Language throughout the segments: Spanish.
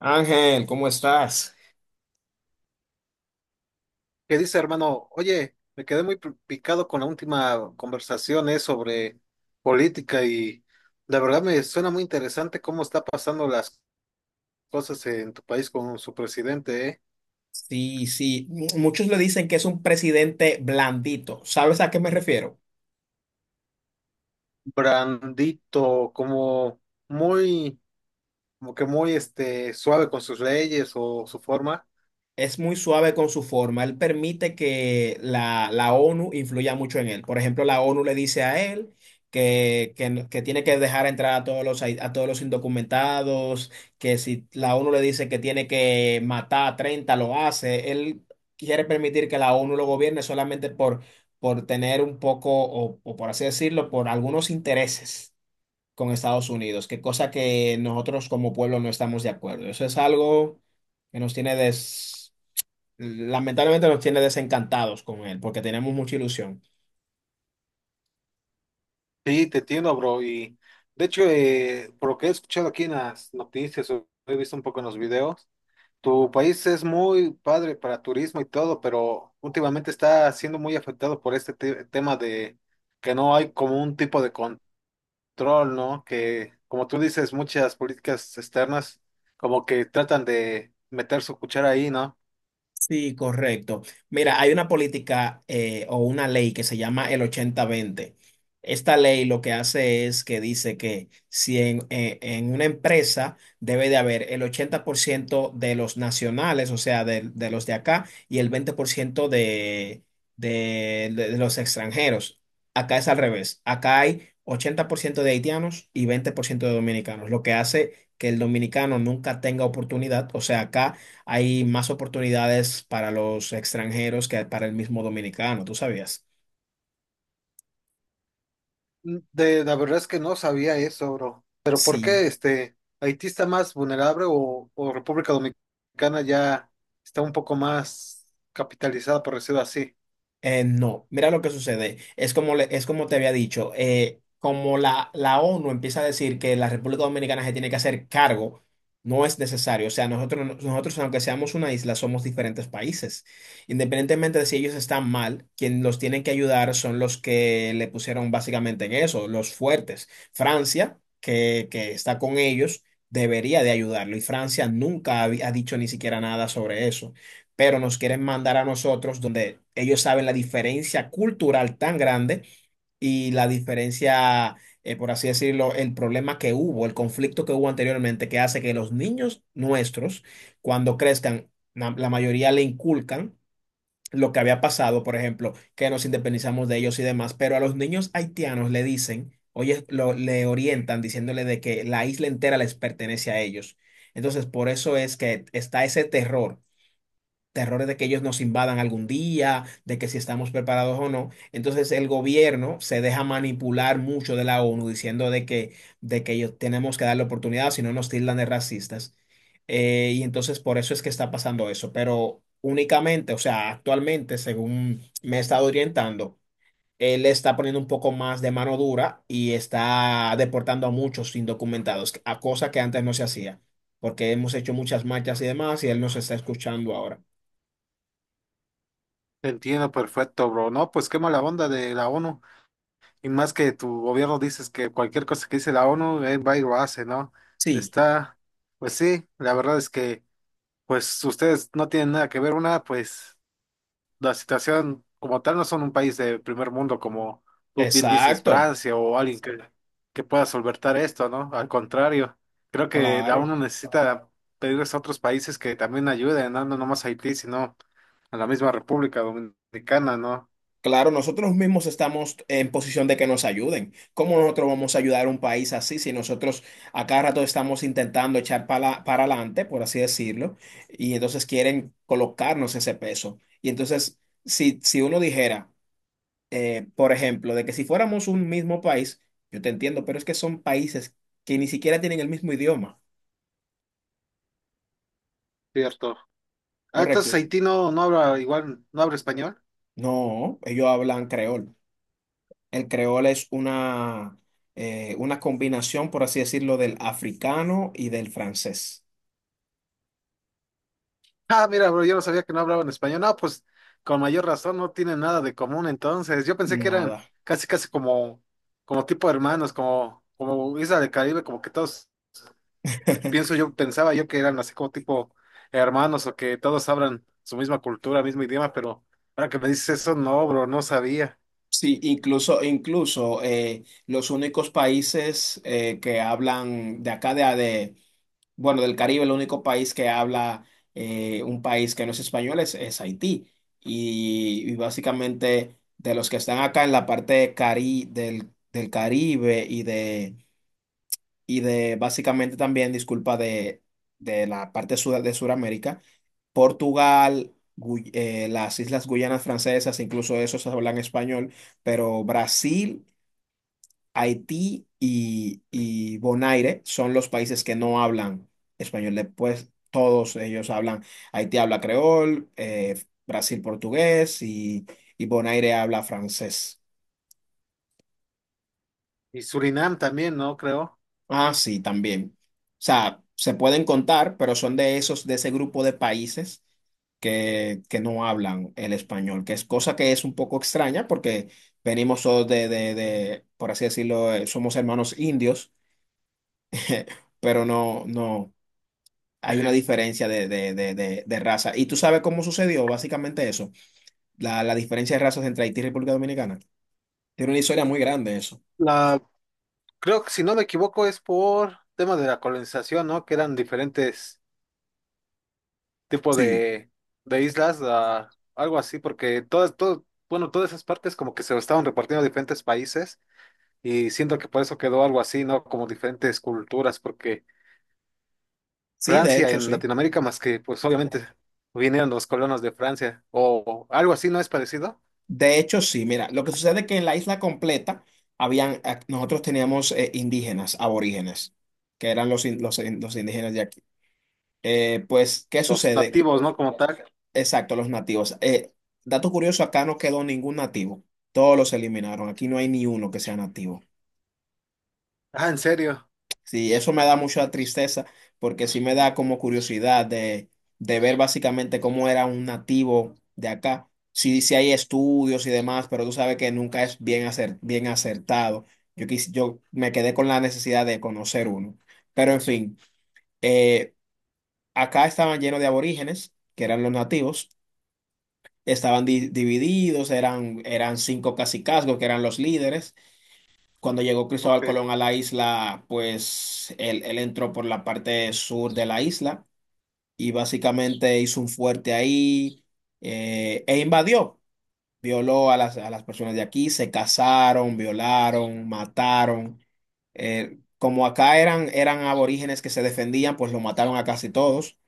Ángel, ¿cómo estás? ¿Qué dice, hermano? Oye, me quedé muy picado con la última conversación, sobre política y la verdad me suena muy interesante cómo está pasando las cosas en tu país con su presidente. Sí, sí, muchos le dicen que es un presidente blandito. ¿Sabes a qué me refiero? Brandito, como muy, como que muy suave con sus leyes o su forma. Es muy suave con su forma. Él permite que la ONU influya mucho en él. Por ejemplo, la ONU le dice a él que tiene que dejar entrar a todos los indocumentados, que si la ONU le dice que tiene que matar a 30 lo hace. Él quiere permitir que la ONU lo gobierne solamente por tener un poco, o por así decirlo, por algunos intereses con Estados Unidos, que cosa que nosotros como pueblo no estamos de acuerdo. Eso es algo que nos tiene des Lamentablemente nos tiene desencantados con él, porque tenemos mucha ilusión. Sí, te entiendo, bro. Y de hecho, por lo que he escuchado aquí en las noticias, o he visto un poco en los videos. Tu país es muy padre para turismo y todo, pero últimamente está siendo muy afectado por este tema de que no hay como un tipo de control, ¿no? Que, como tú dices, muchas políticas externas como que tratan de meter su cuchara ahí, ¿no? Sí, correcto. Mira, hay una política o una ley que se llama el 80-20. Esta ley lo que hace es que dice que si en una empresa debe de haber el 80% de los nacionales, o sea, de los de acá, y el 20% de los extranjeros. Acá es al revés. Acá hay 80% de haitianos y 20% de dominicanos, lo que hace que el dominicano nunca tenga oportunidad. O sea, acá hay más oportunidades para los extranjeros que para el mismo dominicano, ¿tú sabías? Mm, la verdad es que no sabía eso, bro. Pero ¿por qué Sí. este Haití está más vulnerable o República Dominicana ya está un poco más capitalizada, por decirlo así? No, mira lo que sucede. Es es como te había dicho, como la ONU empieza a decir que la República Dominicana se tiene que hacer cargo, no es necesario. O sea, nosotros, no- nosotros aunque seamos una isla, somos diferentes países. Independientemente de si ellos están mal, quien los tienen que ayudar son los que le pusieron básicamente en eso, los fuertes. Francia, que está con ellos, debería de ayudarlo y Francia nunca ha dicho ni siquiera nada sobre eso, pero nos quieren mandar a nosotros donde ellos saben la diferencia cultural tan grande y la diferencia, por así decirlo, el problema que hubo, el conflicto que hubo anteriormente, que hace que los niños nuestros, cuando crezcan, la mayoría le inculcan lo que había pasado, por ejemplo, que nos independizamos de ellos y demás, pero a los niños haitianos le dicen, oye, le orientan diciéndole de que la isla entera les pertenece a ellos. Entonces, por eso es que está ese terrores de que ellos nos invadan algún día, de que si estamos preparados o no. Entonces el gobierno se deja manipular mucho de la ONU diciendo de que ellos tenemos que darle oportunidad, si no nos tildan de racistas. Y entonces por eso es que está pasando eso. Pero únicamente, o sea, actualmente, según me he estado orientando, él está poniendo un poco más de mano dura y está deportando a muchos indocumentados, a cosa que antes no se hacía, porque hemos hecho muchas marchas y demás y él nos está escuchando ahora. Entiendo perfecto, bro. No, pues qué mala onda de la ONU. Y más que tu gobierno dices que cualquier cosa que dice la ONU, él va y lo hace, ¿no? Sí. Está, pues sí, la verdad es que, pues ustedes no tienen nada que ver. Una, pues la situación como tal no son un país de primer mundo como tú bien dices, Exacto, Francia o alguien que pueda solventar esto, ¿no? Al contrario, creo que la ONU claro, necesita pedirles a otros países que también ayuden, ¿no? No nomás a Haití, sino a la misma República Dominicana, ¿no? claro, nosotros mismos estamos en posición de que nos ayuden. ¿Cómo nosotros vamos a ayudar a un país así si nosotros a cada rato estamos intentando echar para adelante, por así decirlo, y entonces quieren colocarnos ese peso? Y entonces, si uno dijera, por ejemplo, de que si fuéramos un mismo país, yo te entiendo, pero es que son países que ni siquiera tienen el mismo idioma, Cierto. Ah, entonces ¿correcto? Haití no, no habla igual, no habla español. No, ellos hablan creol. El creol es una combinación, por así decirlo, del africano y del francés. Ah, mira, bro, yo no sabía que no hablaban español. No, pues con mayor razón no tienen nada de común entonces. Yo pensé que Nada. eran casi casi como, como tipo hermanos, como, como Isla del Caribe, como que todos, pienso yo, pensaba yo que eran así como tipo hermanos o que todos hablan su misma cultura, mismo idioma, pero ahora que me dices eso, no, bro, no sabía. Sí, incluso los únicos países que hablan de acá, bueno, del Caribe, el único país que habla, un país que no es español es Haití. Y básicamente de los que están acá en la parte del Caribe y de básicamente también, disculpa, de la parte de Sudamérica, Portugal, las Islas Guyanas Francesas, incluso esos hablan español, pero Brasil, Haití y Bonaire son los países que no hablan español. Después todos ellos hablan, Haití habla creol, Brasil portugués y Bonaire habla francés. Y Surinam también, ¿no? Creo. Ah, sí, también. O sea, se pueden contar, pero son de esos, de ese grupo de países que no hablan el español, que es cosa que es un poco extraña porque venimos todos por así decirlo, somos hermanos indios. Pero no, no, hay una diferencia de raza. ¿Y tú sabes cómo sucedió básicamente eso? La diferencia de razas entre Haití y República Dominicana. Tiene una historia muy grande eso. La, creo que si no me equivoco es por tema de la colonización, ¿no? Que eran diferentes tipo Sí. De islas, a algo así, porque todas, todo, bueno, todas esas partes como que se estaban repartiendo a diferentes países y siento que por eso quedó algo así, ¿no? Como diferentes culturas, porque Sí, de Francia hecho, en sí. Latinoamérica, más que pues obviamente vinieron los colonos de Francia o algo así, ¿no es parecido? De hecho, sí, mira, lo que sucede es que en la isla completa nosotros teníamos, indígenas, aborígenes, que eran los indígenas de aquí. Pues, ¿qué Los sucede? nativos, ¿no? Como tal. Exacto, los nativos. Dato curioso, acá no quedó ningún nativo. Todos los eliminaron. Aquí no hay ni uno que sea nativo. Ah, ¿en serio? Sí, eso me da mucha tristeza porque sí me da como curiosidad de ver básicamente cómo era un nativo de acá. Sí, sí hay estudios y demás, pero tú sabes que nunca es bien acertado. Yo me quedé con la necesidad de conocer uno. Pero en fin, eh, acá estaban llenos de aborígenes, que eran los nativos, estaban divididos, eran 5 cacicazgos, que eran los líderes. Cuando llegó Cristóbal Ok. Colón a la isla, pues él entró por la parte sur de la isla y básicamente hizo un fuerte ahí, e invadió. Violó a las personas de aquí, se casaron, violaron, mataron. Como acá eran aborígenes que se defendían, pues lo mataron a casi todos.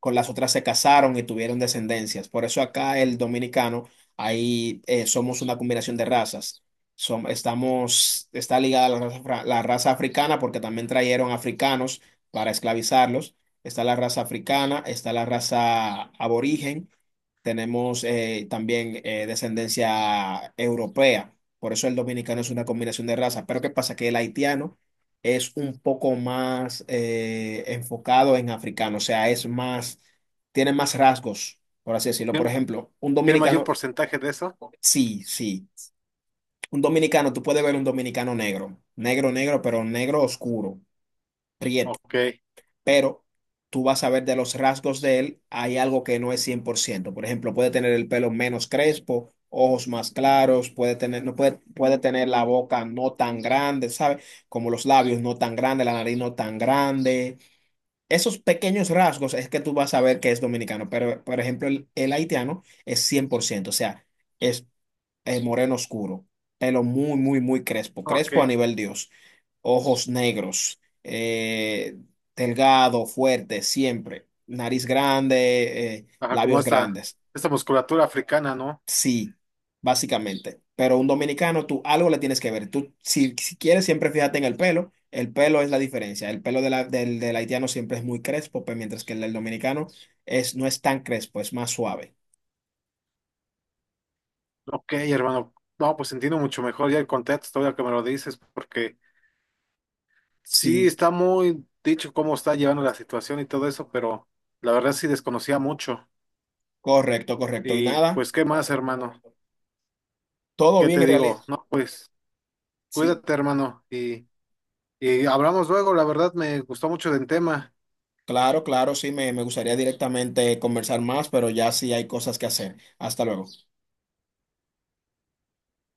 Con las otras se casaron y tuvieron descendencias. Por eso acá el dominicano, ahí, somos una combinación de razas. Está ligada la raza, la raza africana, porque también trajeron africanos para esclavizarlos. Está la raza africana, está la raza aborigen, tenemos, también, descendencia europea. Por eso el dominicano es una combinación de razas. Pero ¿qué pasa? Que el haitiano es un poco más, enfocado en africano, o sea, es más, tiene más rasgos, por así decirlo. Por ¿Tiene, ejemplo, un tiene mayor dominicano, porcentaje de eso? Ok, sí, sí, un dominicano, tú puedes ver un dominicano negro, negro, negro, pero negro oscuro, prieto, pero tú vas a ver de los rasgos de él, hay algo que no es 100%. Por ciento. Por ejemplo, puede tener el pelo menos crespo. Ojos más claros, puede tener, no puede, puede tener la boca no tan grande, ¿sabes? Como los labios no tan grandes, la nariz no tan grande. Esos pequeños rasgos es que tú vas a ver que es dominicano, pero por ejemplo el haitiano es 100%, o sea, es, moreno oscuro, pelo muy, muy, muy crespo, ok. crespo a nivel Dios, ojos negros, delgado, fuerte, siempre, nariz grande, Ajá, como labios esta, grandes. esta musculatura africana, ¿no? Sí, básicamente. Pero un dominicano, tú algo le tienes que ver. Tú, si quieres, siempre fíjate en el pelo. El pelo es la diferencia. El pelo de del haitiano siempre es muy crespo, pues, mientras que el del dominicano es, no es tan crespo, es más suave. Ok, hermano. No, pues entiendo mucho mejor ya el contexto, ahora que me lo dices, porque sí Sí, está muy dicho cómo está llevando la situación y todo eso, pero la verdad sí desconocía mucho. correcto, correcto. Y Y nada, pues, ¿qué más, hermano? todo ¿Qué bien te en realidad. digo? No, pues, Sí, cuídate, hermano, y hablamos luego, la verdad me gustó mucho del tema. claro, claro, sí, me gustaría directamente conversar más, pero ya sí hay cosas que hacer. Hasta luego.